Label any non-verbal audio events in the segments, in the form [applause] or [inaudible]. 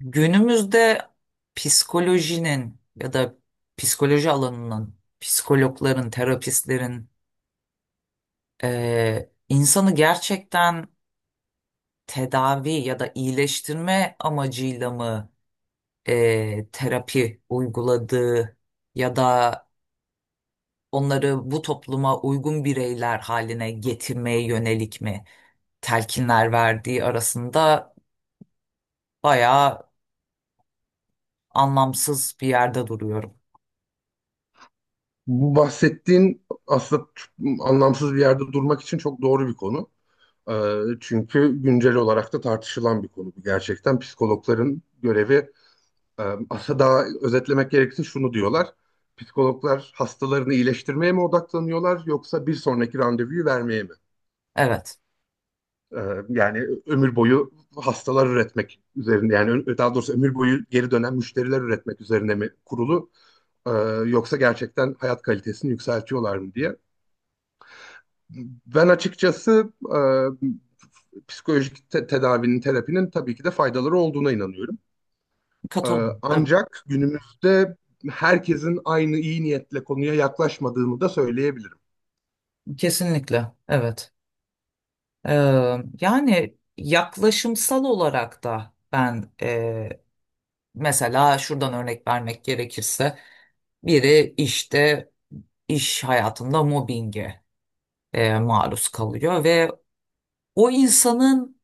Günümüzde psikolojinin ya da psikoloji alanının, psikologların, terapistlerin insanı gerçekten tedavi ya da iyileştirme amacıyla mı terapi uyguladığı ya da onları bu topluma uygun bireyler haline getirmeye yönelik mi telkinler verdiği arasında bayağı anlamsız bir yerde duruyorum. Bu bahsettiğin aslında anlamsız bir yerde durmak için çok doğru bir konu. Çünkü güncel olarak da tartışılan bir konu bu. Gerçekten psikologların görevi, e, aslında daha özetlemek gerekirse şunu diyorlar. Psikologlar hastalarını iyileştirmeye mi odaklanıyorlar yoksa bir sonraki randevuyu vermeye mi? Evet, Ee, Yani ömür boyu hastalar üretmek üzerine, yani daha doğrusu ömür boyu geri dönen müşteriler üretmek üzerine mi kurulu? Ee, Yoksa gerçekten hayat kalitesini yükseltiyorlar mı diye. Ben açıkçası psikolojik tedavinin, terapinin tabii ki de faydaları olduğuna inanıyorum. E, katılıyorum. Ancak günümüzde herkesin aynı iyi niyetle konuya yaklaşmadığını da söyleyebilirim. Kesinlikle, evet. Ee, yani yaklaşımsal olarak da ben mesela şuradan örnek vermek gerekirse biri işte iş hayatında mobbinge maruz kalıyor ve o insanın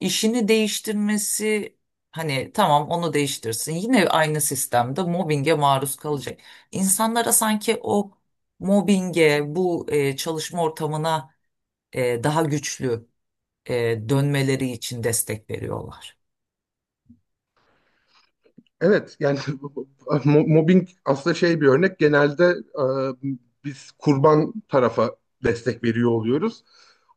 işini değiştirmesi hani tamam onu değiştirsin yine aynı sistemde mobbinge maruz kalacak. İnsanlara sanki o mobbinge bu çalışma ortamına daha güçlü dönmeleri için destek veriyorlar. Evet yani [laughs] mobbing aslında şey bir örnek. Genelde biz kurban tarafa destek veriyor oluyoruz.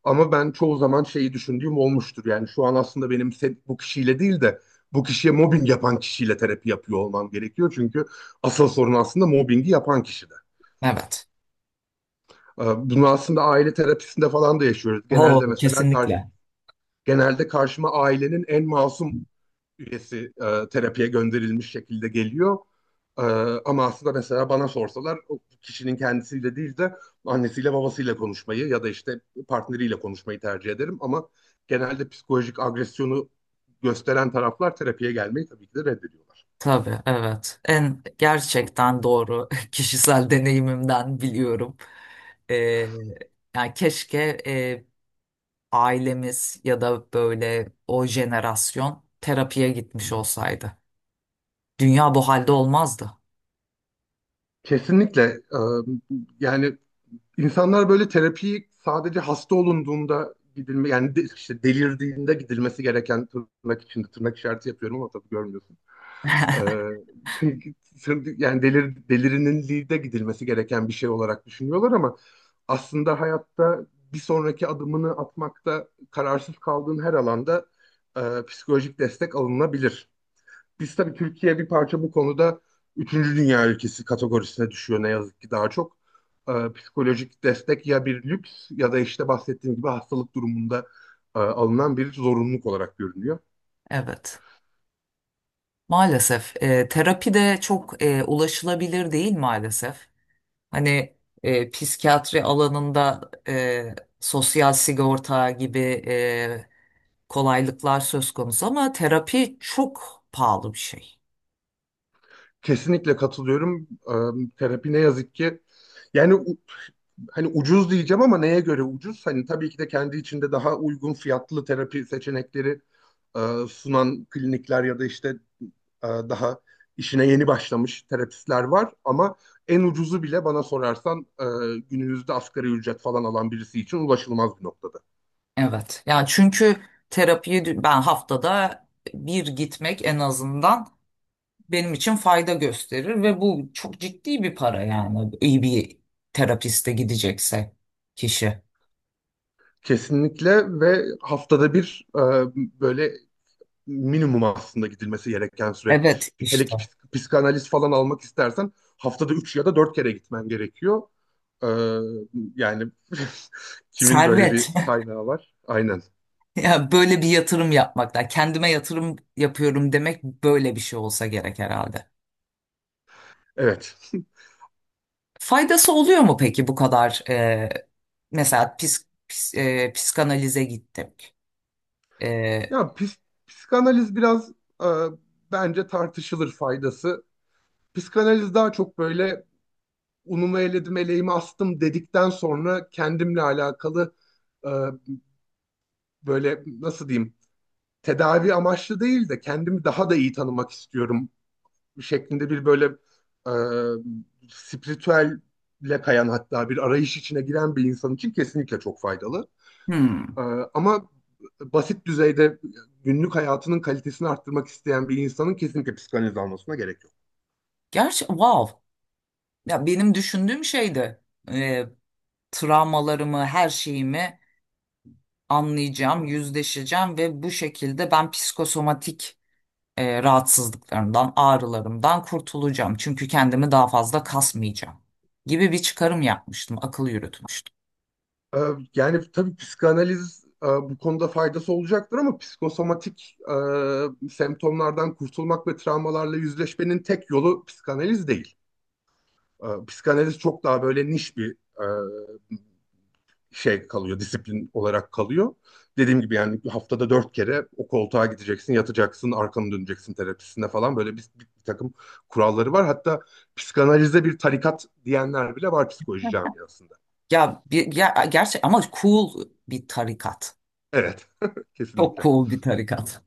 Ama ben çoğu zaman şeyi düşündüğüm olmuştur. Yani şu an aslında benim bu kişiyle değil de bu kişiye mobbing yapan kişiyle terapi yapıyor olmam gerekiyor. Çünkü asıl sorun aslında mobbingi yapan kişide. Evet. Bunu aslında aile terapisinde falan da yaşıyoruz. Oo, Genelde mesela karşı, kesinlikle. genelde karşıma ailenin en masum üyesi, terapiye gönderilmiş şekilde geliyor. E, Ama aslında mesela bana sorsalar o kişinin kendisiyle değil de annesiyle babasıyla konuşmayı ya da işte partneriyle konuşmayı tercih ederim. Ama genelde psikolojik agresyonu gösteren taraflar terapiye gelmeyi tabii ki de reddediyorlar. Tabii, evet. En gerçekten doğru [laughs] kişisel deneyimimden biliyorum. Ee, yani keşke ailemiz ya da böyle o jenerasyon terapiye gitmiş olsaydı. Dünya bu halde olmazdı. Kesinlikle, e, yani insanlar böyle terapiyi sadece hasta olunduğunda gidilme, yani işte delirdiğinde gidilmesi gereken, tırnak içinde, tırnak işareti yapıyorum ama tabii görmüyorsun. Ee, [laughs] Yani delirinliğe gidilmesi gereken bir şey olarak düşünüyorlar ama aslında hayatta bir sonraki adımını atmakta kararsız kaldığın her alanda e, psikolojik destek alınabilir. Biz tabii Türkiye bir parça bu konuda üçüncü dünya ülkesi kategorisine düşüyor ne yazık ki, daha çok. Psikolojik destek ya bir lüks ya da işte bahsettiğim gibi hastalık durumunda alınan bir zorunluluk olarak görünüyor. Evet. Maalesef terapi de çok ulaşılabilir değil maalesef. Hani psikiyatri alanında sosyal sigorta gibi e, kolaylıklar söz konusu ama terapi çok pahalı bir şey. Kesinlikle katılıyorum. Terapi ne yazık ki, yani hani ucuz diyeceğim ama neye göre ucuz? Hani tabii ki de kendi içinde daha uygun fiyatlı terapi seçenekleri e, sunan klinikler ya da işte daha işine yeni başlamış terapistler var ama en ucuzu bile bana sorarsan günümüzde asgari ücret falan alan birisi için ulaşılmaz bir noktada. Evet. Yani çünkü ben haftada bir gitmek en azından benim için fayda gösterir ve bu çok ciddi bir para yani iyi bir terapiste gidecekse kişi. Kesinlikle ve haftada bir, böyle, minimum aslında gidilmesi gereken süre. Evet Hele işte ki psikanaliz falan almak istersen haftada 3 ya da 4 kere gitmen gerekiyor. Ee, Yani [laughs] kimin böyle servet. bir kaynağı var? Aynen. [laughs] Ya böyle bir yatırım yapmakla kendime yatırım yapıyorum demek böyle bir şey olsa gerek herhalde. Evet. Faydası oluyor mu peki bu kadar mesela psikanalize gittik. E, Ya psikanaliz biraz, e, bence tartışılır faydası. Psikanaliz daha çok böyle unumu eledim, eleğimi astım dedikten sonra kendimle alakalı, e, böyle nasıl diyeyim, tedavi amaçlı değil de kendimi daha da iyi tanımak istiyorum şeklinde bir böyle, spiritüelle kayan hatta bir arayış içine giren bir insan için kesinlikle çok faydalı. hmm, E, Ama basit düzeyde günlük hayatının kalitesini arttırmak isteyen bir insanın kesinlikle psikanaliz almasına gerek yok. gerçi wow ya benim düşündüğüm şeydi, e, travmalarımı her şeyimi anlayacağım, yüzleşeceğim ve bu şekilde ben psikosomatik rahatsızlıklarımdan, ağrılarımdan kurtulacağım. Çünkü kendimi daha fazla kasmayacağım gibi bir çıkarım yapmıştım, akıl yürütmüştüm. E, Yani tabii psikanaliz, bu konuda faydası olacaktır ama psikosomatik semptomlardan kurtulmak ve travmalarla yüzleşmenin tek yolu psikanaliz değil. Psikanaliz çok daha böyle niş bir e, şey kalıyor, disiplin olarak kalıyor. Dediğim gibi yani haftada dört kere o koltuğa gideceksin, yatacaksın, arkanı döneceksin terapisinde falan, böyle bir takım kuralları var. Hatta psikanalize bir tarikat diyenler bile var psikoloji camiasında. Ya bir ya, gerçek ama cool bir tarikat. Evet, [laughs] Çok kesinlikle. cool bir tarikat.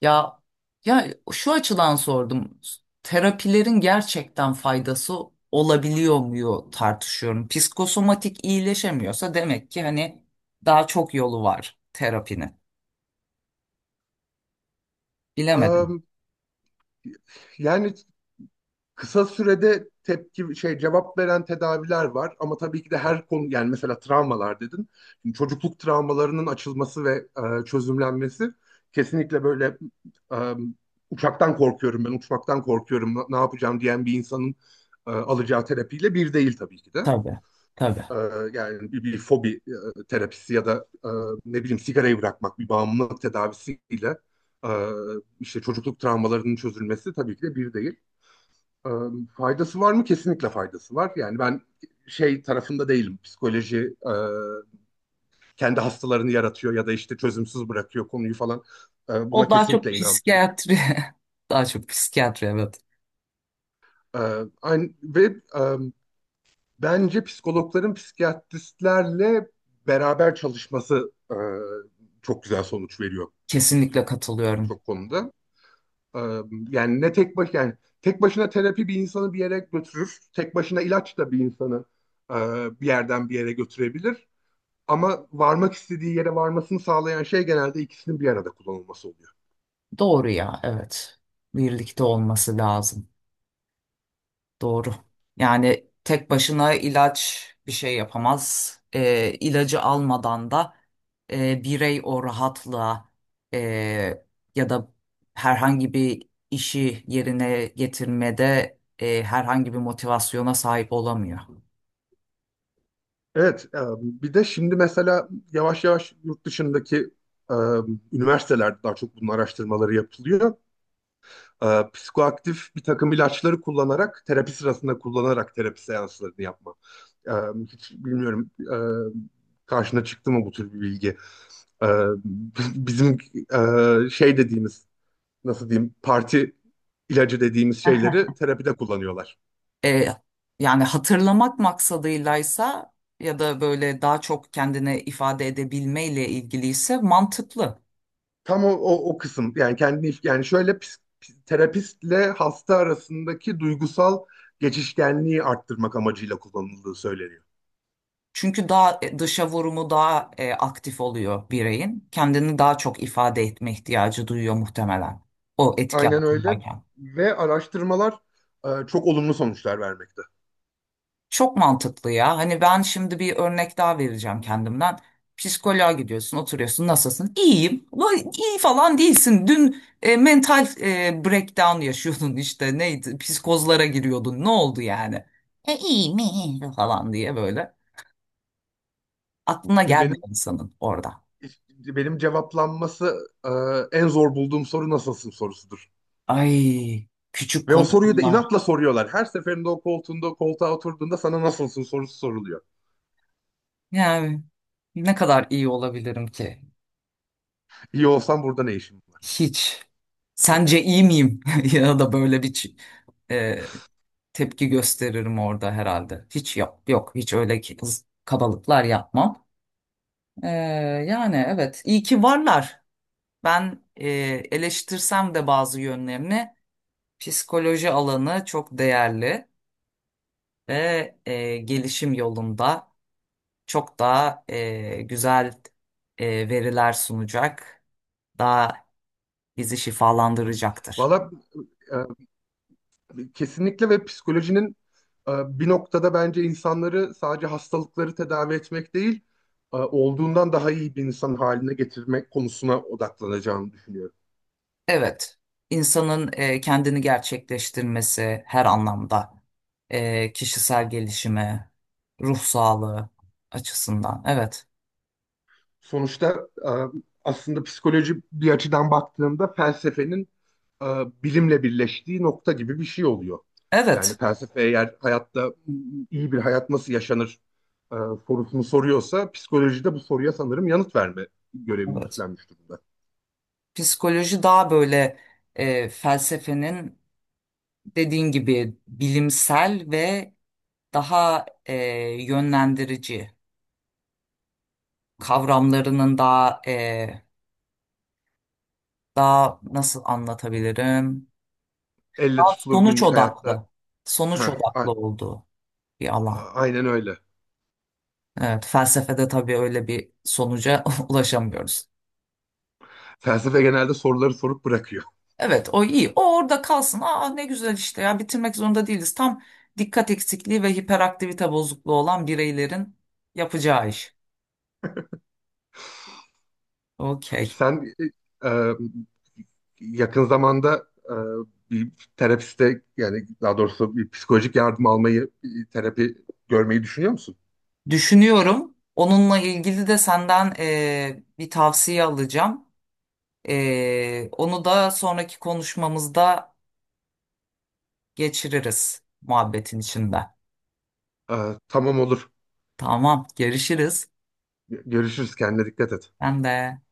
Ya ya şu açıdan sordum. Terapilerin gerçekten faydası olabiliyor mu tartışıyorum. Psikosomatik iyileşemiyorsa demek ki hani daha çok yolu var terapinin. Bilemedim. Am, yani kısa sürede tepki şey cevap veren tedaviler var ama tabii ki de her konu, yani mesela travmalar dedin. Şimdi çocukluk travmalarının açılması ve çözümlenmesi kesinlikle böyle, e, uçaktan korkuyorum, ben uçmaktan korkuyorum, ne ne yapacağım diyen bir insanın alacağı terapiyle bir değil tabii ki de. Tabii. Tabii. E, Yani bir fobi terapisi ya da ne bileyim sigarayı bırakmak, bir bağımlılık tedavisiyle e, işte çocukluk travmalarının çözülmesi tabii ki de bir değil. Ee, Faydası var mı? Kesinlikle faydası var. Yani ben şey tarafında değilim. Psikoloji kendi hastalarını yaratıyor ya da işte çözümsüz bırakıyor konuyu falan. Buna O daha çok kesinlikle inanmıyorum. psikiyatri. [laughs] Daha çok psikiyatri, evet. E, Aynı, ve e, bence psikologların psikiyatristlerle beraber çalışması çok güzel sonuç veriyor Kesinlikle katılıyorum. birçok konuda. E, Yani ne tek baş yani tek başına terapi bir insanı bir yere götürür. Tek başına ilaç da bir insanı e, bir yerden bir yere götürebilir. Ama varmak istediği yere varmasını sağlayan şey genelde ikisinin bir arada kullanılması oluyor. Doğru ya, evet. Birlikte olması lazım. Doğru. Yani tek başına ilaç bir şey yapamaz. İlacı almadan da birey o rahatlığa e, ya da herhangi bir işi yerine getirmede herhangi bir motivasyona sahip olamıyor. Evet, bir de şimdi mesela yavaş yavaş yurt dışındaki e, üniversitelerde daha çok bunun araştırmaları yapılıyor. Psikoaktif bir takım ilaçları kullanarak, terapi sırasında kullanarak terapi seanslarını yapma. E, Hiç bilmiyorum, karşına çıktı mı bu tür bir bilgi. E, [laughs] Bizim şey dediğimiz, nasıl diyeyim, parti ilacı dediğimiz şeyleri [laughs] terapide kullanıyorlar. E, yani hatırlamak maksadıylaysa ya da böyle daha çok kendine ifade edebilmeyle ilgiliyse mantıklı. Tam o kısım, yani kendini, yani şöyle terapistle hasta arasındaki duygusal geçişkenliği arttırmak amacıyla kullanıldığı söyleniyor. Çünkü daha dışa vurumu daha aktif oluyor bireyin. Kendini daha çok ifade etme ihtiyacı duyuyor muhtemelen o etki Aynen öyle altındayken. ve araştırmalar çok olumlu sonuçlar vermekte. Çok mantıklı ya. Hani ben şimdi bir örnek daha vereceğim kendimden. Psikoloğa gidiyorsun, oturuyorsun. Nasılsın? İyiyim. Vay, iyi falan değilsin. Dün mental breakdown yaşıyordun işte. Neydi? Psikozlara giriyordun. Ne oldu yani? İyi mi? Falan diye böyle. Aklına Bir Benim gelmiyor insanın orada. benim cevaplanması en zor bulduğum soru nasılsın sorusudur. Ay küçük Ve o soruyu da konuşmalar. inatla soruyorlar. Her seferinde o koltuğa oturduğunda sana nasılsın sorusu soruluyor. Yani ne kadar iyi olabilirim ki? İyi olsan burada ne işin var? Hiç. Sence iyi miyim? [laughs] Ya da böyle e, tepki gösteririm orada herhalde. Hiç yok, yok hiç öyle, kabalıklar yapmam. Ee, yani evet iyi ki varlar. Ben eleştirsem de bazı yönlerini, psikoloji alanı çok değerli ve gelişim yolunda çok daha güzel veriler sunacak. Daha bizi şifalandıracaktır. Valla, kesinlikle ve psikolojinin e, bir noktada bence insanları sadece hastalıkları tedavi etmek değil, olduğundan daha iyi bir insan haline getirmek konusuna odaklanacağını düşünüyorum. Evet, insanın kendini gerçekleştirmesi her anlamda, kişisel gelişimi, ruh sağlığı açısından. Evet, Sonuçta aslında psikoloji bir açıdan baktığında felsefenin e, bilimle birleştiği nokta gibi bir şey oluyor. Yani evet, felsefe eğer hayatta iyi bir hayat nasıl yaşanır e, sorusunu soruyorsa psikolojide bu soruya sanırım yanıt verme görevini evet. üstlenmiş durumda. Psikoloji daha böyle felsefenin dediğin gibi bilimsel ve daha yönlendirici kavramlarının daha daha nasıl anlatabilirim? Elle Daha tutulur sonuç günlük hayatta. odaklı, sonuç Heh, a- odaklı olduğu bir alan. aynen öyle. Evet, felsefede tabii öyle bir sonuca [laughs] ulaşamıyoruz. Felsefe genelde soruları sorup bırakıyor. Evet, o iyi. O orada kalsın. Aa ne güzel işte ya, bitirmek zorunda değiliz. Tam dikkat eksikliği ve hiperaktivite bozukluğu olan bireylerin yapacağı iş. Okey. Sen e, e, yakın zamanda bir terapiste, yani daha doğrusu bir psikolojik yardım almayı, bir terapi görmeyi düşünüyor musun? Düşünüyorum. Onunla ilgili de senden bir tavsiye alacağım. Onu da sonraki konuşmamızda geçiririz muhabbetin içinde. E, tamam, olur. Tamam, görüşürüz. Görüşürüz. Kendine dikkat et. Ben de.